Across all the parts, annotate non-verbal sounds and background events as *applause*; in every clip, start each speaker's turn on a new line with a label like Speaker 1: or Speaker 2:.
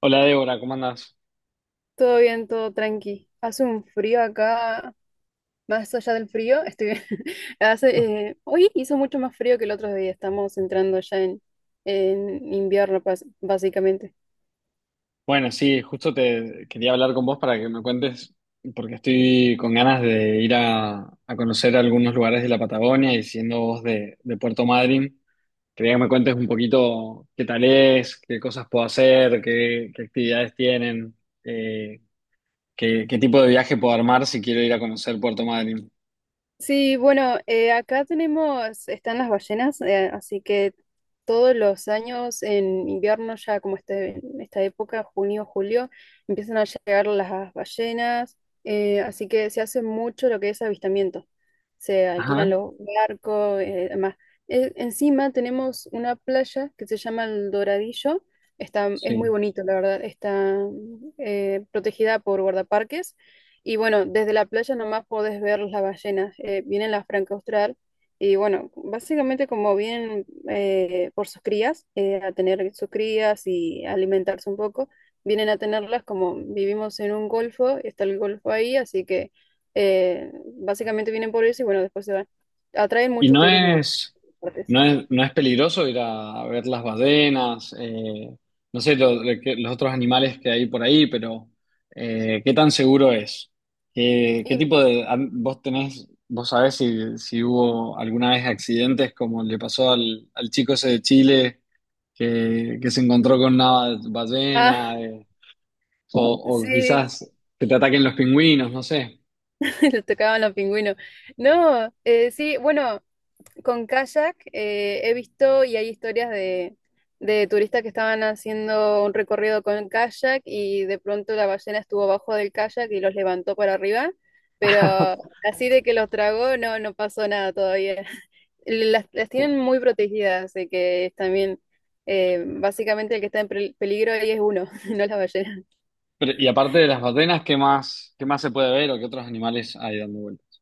Speaker 1: Hola Débora, ¿cómo andas?
Speaker 2: Todo bien, todo tranqui. Hace un frío acá, más allá del frío, estoy bien. *laughs* Hace, hoy hizo mucho más frío que el otro día, estamos entrando ya en invierno, básicamente.
Speaker 1: Bueno, sí, justo te quería hablar con vos para que me cuentes, porque estoy con ganas de ir a conocer algunos lugares de la Patagonia y siendo vos de Puerto Madryn, quería que me cuentes un poquito qué tal es, qué cosas puedo hacer, qué actividades tienen, eh, qué tipo de viaje puedo armar si quiero ir a conocer Puerto Madryn.
Speaker 2: Sí, bueno, acá tenemos, están las ballenas, así que todos los años en invierno, ya como este, en esta época, junio, julio, empiezan a llegar las ballenas, así que se hace mucho lo que es avistamiento. Se alquilan
Speaker 1: Ajá,
Speaker 2: los barcos, además. Encima tenemos una playa que se llama El Doradillo, está, es muy
Speaker 1: sí.
Speaker 2: bonito, la verdad, está protegida por guardaparques. Y bueno, desde la playa nomás podés ver las ballenas, vienen las franca austral y bueno, básicamente como vienen por sus crías, a tener sus crías y alimentarse un poco, vienen a tenerlas como vivimos en un golfo, está el golfo ahí, así que básicamente vienen por eso y bueno, después se van. Atraen
Speaker 1: Y
Speaker 2: mucho
Speaker 1: no
Speaker 2: turismo.
Speaker 1: es,
Speaker 2: Aparte.
Speaker 1: no es, no es peligroso ir a ver las ballenas, no sé, los otros animales que hay por ahí, pero ¿qué tan seguro es? ¿Qué
Speaker 2: Y,
Speaker 1: tipo de... vos tenés, vos sabés si hubo alguna vez accidentes como le pasó al chico ese de Chile que se encontró con una
Speaker 2: ah,
Speaker 1: ballena,
Speaker 2: *laughs*
Speaker 1: o, o
Speaker 2: sí,
Speaker 1: quizás que te ataquen los pingüinos, no sé.
Speaker 2: *laughs* le tocaban los pingüinos. No, sí, bueno. Con kayak he visto y hay historias de turistas que estaban haciendo un recorrido con kayak y de pronto la ballena estuvo abajo del kayak y los levantó para arriba, pero así de que los tragó no, no pasó nada todavía. *laughs* Las tienen muy protegidas, así que es también básicamente el que está en peligro ahí es uno, *laughs* no la ballena.
Speaker 1: Pero y aparte de las ballenas, ¿qué más se puede ver o qué otros animales hay dando vueltas?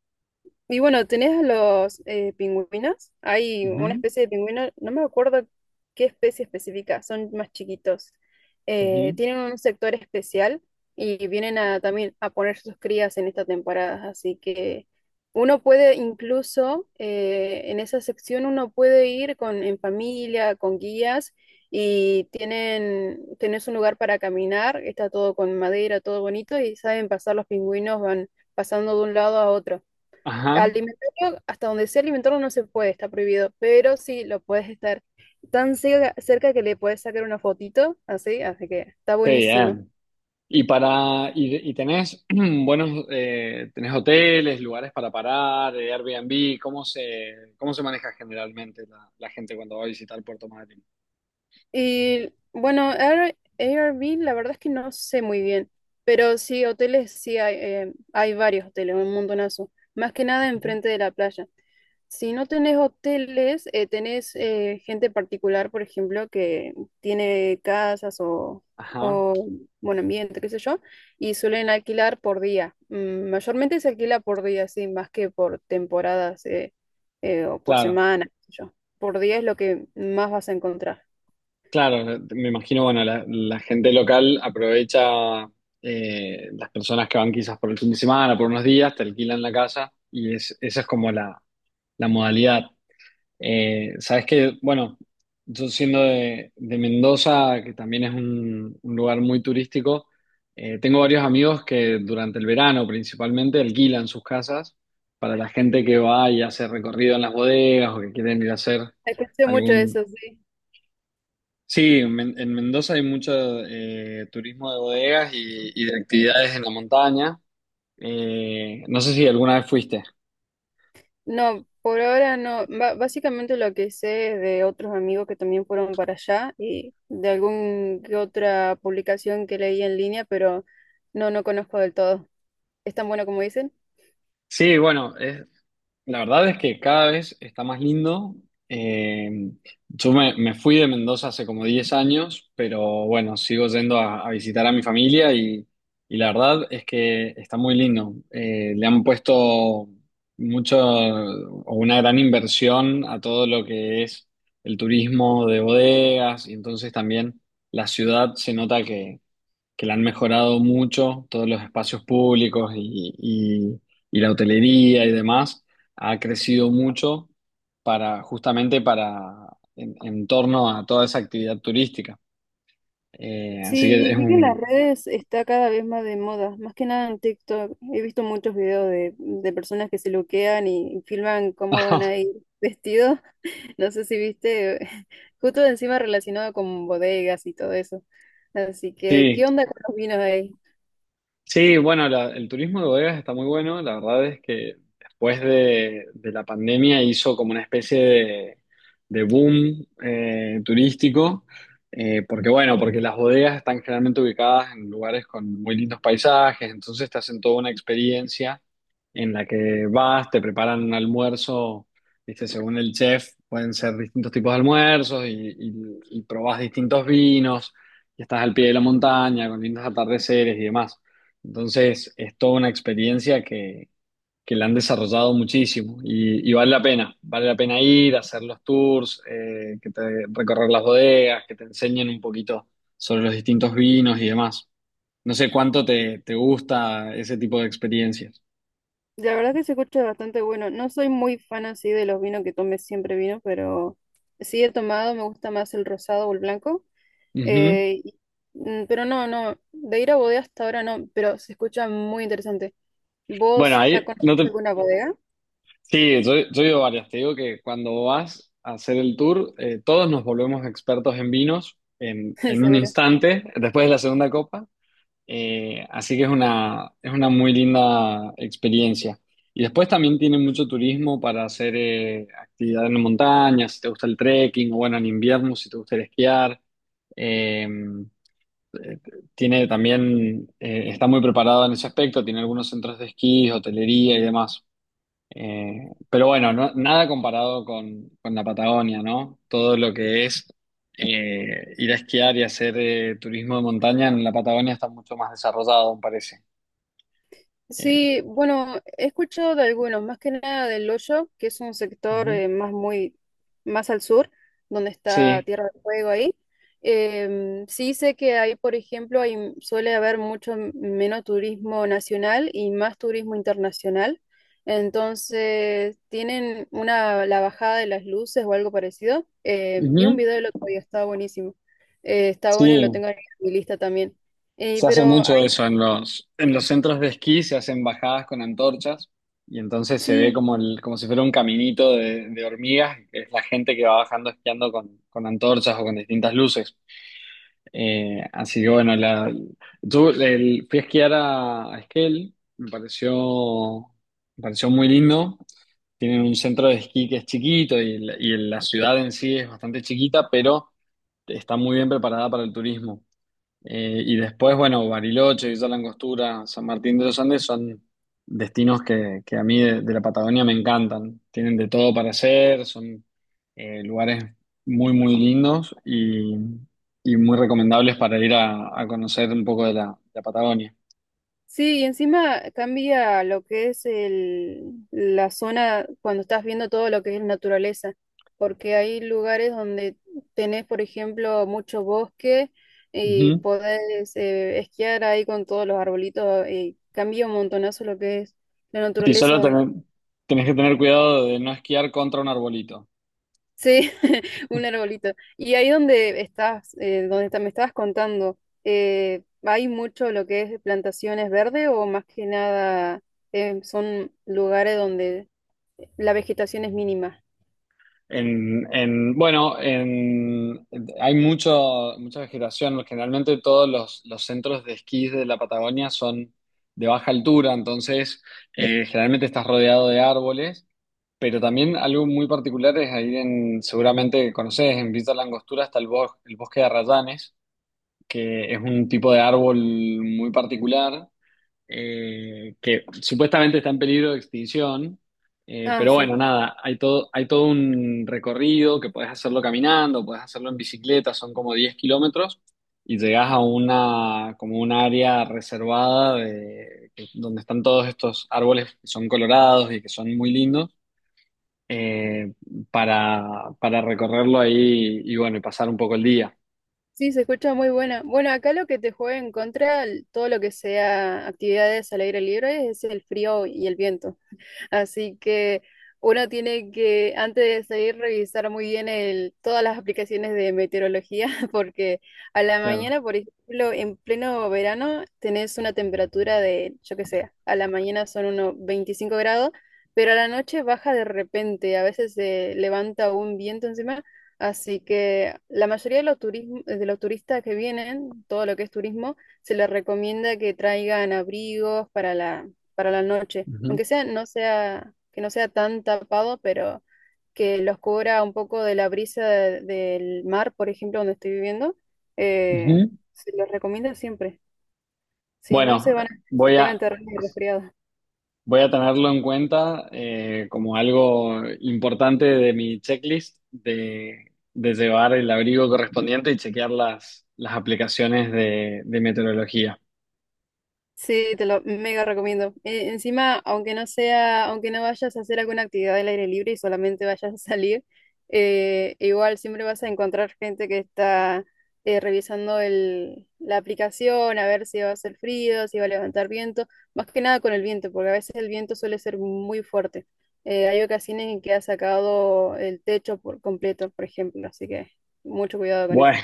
Speaker 2: Y bueno, tenés a los pingüinos. Hay
Speaker 1: Ujú,
Speaker 2: una especie de pingüino, no me acuerdo qué especie específica, son más chiquitos.
Speaker 1: ujú.
Speaker 2: Tienen un sector especial y vienen a, también a poner sus crías en esta temporada. Así que uno puede incluso, en esa sección uno puede ir con, en familia, con guías y tienen, tenés un lugar para caminar. Está todo con madera, todo bonito y saben pasar los pingüinos, van pasando de un lado a otro.
Speaker 1: Ajá,
Speaker 2: Alimentario, hasta donde sea alimentario no se puede, está prohibido, pero sí lo puedes estar tan cerca, cerca que le puedes sacar una fotito, así, así que está
Speaker 1: qué
Speaker 2: buenísimo.
Speaker 1: bien. Y tenés *clears throat* buenos tenés hoteles, lugares para parar, Airbnb, ¿cómo se maneja generalmente la gente cuando va a visitar Puerto Madryn?
Speaker 2: Y bueno, Airbnb, la verdad es que no sé muy bien, pero sí, hoteles, sí hay, hay varios hoteles, un montonazo, más que nada
Speaker 1: Ujú.
Speaker 2: enfrente de la playa. Si no tenés hoteles, tenés gente particular, por ejemplo, que tiene casas
Speaker 1: Ajá,
Speaker 2: o buen ambiente, qué sé yo, y suelen alquilar por día. Mayormente se alquila por día, sí, más que por temporadas o por
Speaker 1: claro,
Speaker 2: semana, qué sé yo. Por día es lo que más vas a encontrar.
Speaker 1: claro. Me imagino, bueno, la gente local aprovecha las personas que van quizás por el fin de semana, por unos días, te alquilan la casa y esa es como la modalidad. Sabes que, bueno, yo siendo de Mendoza, que también es un lugar muy turístico, tengo varios amigos que durante el verano principalmente alquilan sus casas para la gente que va y hace recorrido en las bodegas o que quieren ir a hacer
Speaker 2: Escuché mucho
Speaker 1: algún...
Speaker 2: eso, sí.
Speaker 1: Sí, en Mendoza hay mucho turismo de bodegas y de actividades en la montaña. No sé si alguna vez fuiste.
Speaker 2: No, por ahora no. Ba- básicamente lo que sé es de otros amigos que también fueron para allá y de algún que otra publicación que leí en línea, pero no, no conozco del todo. ¿Es tan bueno como dicen?
Speaker 1: Sí, bueno, la verdad es que cada vez está más lindo. Eh, yo me fui de Mendoza hace como 10 años, pero bueno, sigo yendo a visitar a mi familia y la verdad es que está muy lindo. Le han puesto mucho o una gran inversión a todo lo que es el turismo de bodegas y entonces también la ciudad se nota que la han mejorado mucho, todos los espacios públicos y la hotelería y demás, ha crecido mucho justamente en torno a toda esa actividad turística. Así que
Speaker 2: Sí,
Speaker 1: es
Speaker 2: vi que en las
Speaker 1: un...
Speaker 2: redes está cada vez más de moda, más que nada en TikTok. He visto muchos videos de personas que se loquean y filman cómo van a
Speaker 1: *laughs*
Speaker 2: ir *laughs* vestidos. No sé si viste, *laughs* justo encima relacionado con bodegas y todo eso. Así que,
Speaker 1: Sí,
Speaker 2: ¿qué onda con los vinos ahí?
Speaker 1: sí, bueno, el turismo de bodegas está muy bueno. La verdad es que después de la pandemia hizo como una especie de boom turístico. Porque las bodegas están generalmente ubicadas en lugares con muy lindos paisajes, entonces te hacen toda una experiencia en la que vas, te preparan un almuerzo, ¿viste? Según el chef, pueden ser distintos tipos de almuerzos y probás distintos vinos, y estás al pie de la montaña con lindos atardeceres y demás. Entonces, es toda una experiencia que la han desarrollado muchísimo y vale la pena ir, hacer los tours, recorrer las bodegas, que te enseñen un poquito sobre los distintos vinos y demás. No sé cuánto te gusta ese tipo de experiencias.
Speaker 2: La verdad que se escucha bastante bueno. No soy muy fan así de los vinos que tome siempre vino, pero sí he tomado, me gusta más el rosado o el blanco.
Speaker 1: Ujú.
Speaker 2: Eh, y- pero no, no, de ir a bodega hasta ahora no, pero se escucha muy interesante.
Speaker 1: Bueno,
Speaker 2: ¿Vos ya
Speaker 1: ahí
Speaker 2: conoces
Speaker 1: no te...
Speaker 2: alguna bodega?
Speaker 1: Sí, yo he ido varias. Te digo que cuando vas a hacer el tour, todos nos volvemos expertos en vinos en,
Speaker 2: *laughs*
Speaker 1: en un
Speaker 2: Seguro.
Speaker 1: instante, después de la segunda copa. Así que es una muy linda experiencia. Y después también tiene mucho turismo para hacer actividad en montaña, si te gusta el trekking, o bueno, en invierno, si te gusta el esquiar. Eh, eh, Tiene también, está muy preparado en ese aspecto, tiene algunos centros de esquí, hotelería y demás. Pero bueno, nada comparado con la Patagonia, ¿no? Todo lo que es ir a esquiar y hacer turismo de montaña en la Patagonia está mucho más desarrollado, me parece. Eh,
Speaker 2: Sí, bueno, he escuchado de algunos, más que nada del Hoyo, que es un sector
Speaker 1: Ujú.
Speaker 2: más muy más al sur, donde está
Speaker 1: Sí,
Speaker 2: Tierra del Fuego ahí. Sí sé que ahí, por ejemplo, hay, suele haber mucho menos turismo nacional y más turismo internacional. Entonces, tienen una la bajada de las luces o algo parecido. Vi un
Speaker 1: ujú.
Speaker 2: video el otro día, estaba buenísimo. Está bueno, lo
Speaker 1: Sí,
Speaker 2: tengo en mi lista también.
Speaker 1: se hace
Speaker 2: Pero
Speaker 1: mucho
Speaker 2: ahí
Speaker 1: eso en en los centros de esquí, se hacen bajadas con antorchas y entonces se ve
Speaker 2: sí.
Speaker 1: como, como si fuera un caminito de hormigas, que es la gente que va bajando esquiando con antorchas o con distintas luces. Así que bueno, la, yo el, Fui a esquiar a Esquel, me pareció muy lindo. Tienen un centro de esquí que es chiquito y y la ciudad en sí es bastante chiquita, pero está muy bien preparada para el turismo. Y después, bueno, Bariloche, Villa La Angostura, San Martín de los Andes son destinos que a mí de la Patagonia me encantan. Tienen de todo para hacer, son lugares muy lindos y muy recomendables para ir a conocer un poco de la Patagonia.
Speaker 2: Sí, y encima cambia lo que es el, la zona cuando estás viendo todo lo que es naturaleza, porque hay lugares donde tenés, por ejemplo, mucho bosque y
Speaker 1: Ujú.
Speaker 2: podés esquiar ahí con todos los arbolitos, y cambia un montonazo lo que es la
Speaker 1: Y solo
Speaker 2: naturaleza.
Speaker 1: tener- Tenés que tener cuidado de no esquiar contra un arbolito.
Speaker 2: Sí, *laughs* un arbolito. Y ahí donde estás, donde me estabas contando, ¿hay mucho lo que es plantaciones verdes o más que nada son lugares donde la vegetación es mínima?
Speaker 1: En, en- bueno, en, Hay mucho, mucha vegetación. Generalmente todos los centros de esquí de la Patagonia son de baja altura, entonces generalmente estás rodeado de árboles, pero también algo muy particular es ahí en, seguramente conoces, en Villa La Angostura está el bosque de arrayanes, que es un tipo de árbol muy particular que supuestamente está en peligro de extinción.
Speaker 2: Ah,
Speaker 1: Pero
Speaker 2: sí.
Speaker 1: bueno, nada, hay todo un recorrido que podés hacerlo caminando, podés hacerlo en bicicleta, son como 10 kilómetros y llegás a una, como un área reservada donde están todos estos árboles que son colorados y que son muy lindos eh, para recorrerlo ahí y bueno, y pasar un poco el día.
Speaker 2: Sí, se escucha muy buena. Bueno, acá lo que te juega en contra, l- todo lo que sea actividades al aire libre, es el frío y el viento. Así que uno tiene que, antes de salir, revisar muy bien el, todas las aplicaciones de meteorología, *laughs* porque a la
Speaker 1: Claro.
Speaker 2: mañana, por ejemplo, en pleno verano, tenés una temperatura de, yo qué sé, a la mañana son unos 25 grados, pero a la noche baja de repente, a veces se levanta un viento encima. Así que la mayoría de los de los turistas que vienen, todo lo que es turismo, se les recomienda que traigan abrigos para la noche,
Speaker 1: Ujú,
Speaker 2: aunque sea, no sea, que no sea tan tapado, pero que los cubra un poco de la brisa del mar, por ejemplo, donde estoy viviendo, eh,
Speaker 1: ujú.
Speaker 2: se los recomiendo siempre. Si no se
Speaker 1: Bueno,
Speaker 2: van, se
Speaker 1: voy
Speaker 2: pegan
Speaker 1: a,
Speaker 2: terrenos de resfriado.
Speaker 1: voy a tenerlo en cuenta como algo importante de mi checklist de llevar el abrigo correspondiente y chequear las aplicaciones de meteorología.
Speaker 2: Sí, te lo mega recomiendo. Encima, aunque no sea, aunque no vayas a hacer alguna actividad al aire libre y solamente vayas a salir, igual siempre vas a encontrar gente que está revisando el, la aplicación a ver si va a hacer frío, si va a levantar viento, más que nada con el viento, porque a veces el viento suele ser muy fuerte. Hay ocasiones en que ha sacado el techo por completo, por ejemplo, así que mucho cuidado con eso.
Speaker 1: Bueno,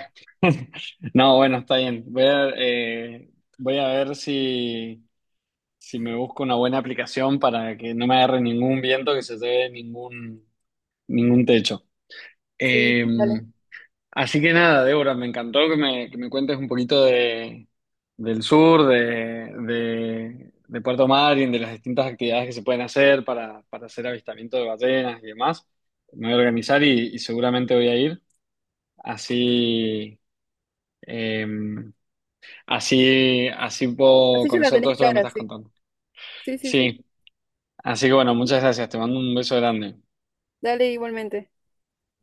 Speaker 1: no, bueno, está bien. Voy a ver si, si me busco una buena aplicación para que no me agarre ningún viento, que se lleve ningún, ningún techo.
Speaker 2: Sí,
Speaker 1: Eh,
Speaker 2: dale.
Speaker 1: Así que nada, Débora, me encantó que me cuentes un poquito del sur, de Puerto Madryn, de las distintas actividades que se pueden hacer para hacer avistamiento de ballenas y demás. Me voy a organizar y seguramente voy a ir. Así, eh, Así puedo
Speaker 2: Así ya la
Speaker 1: conocer todo
Speaker 2: tenés
Speaker 1: esto que me
Speaker 2: clara,
Speaker 1: estás
Speaker 2: sí.
Speaker 1: contando.
Speaker 2: Sí, sí, sí.
Speaker 1: Sí, así que bueno, muchas gracias. Te mando un beso grande.
Speaker 2: Dale igualmente.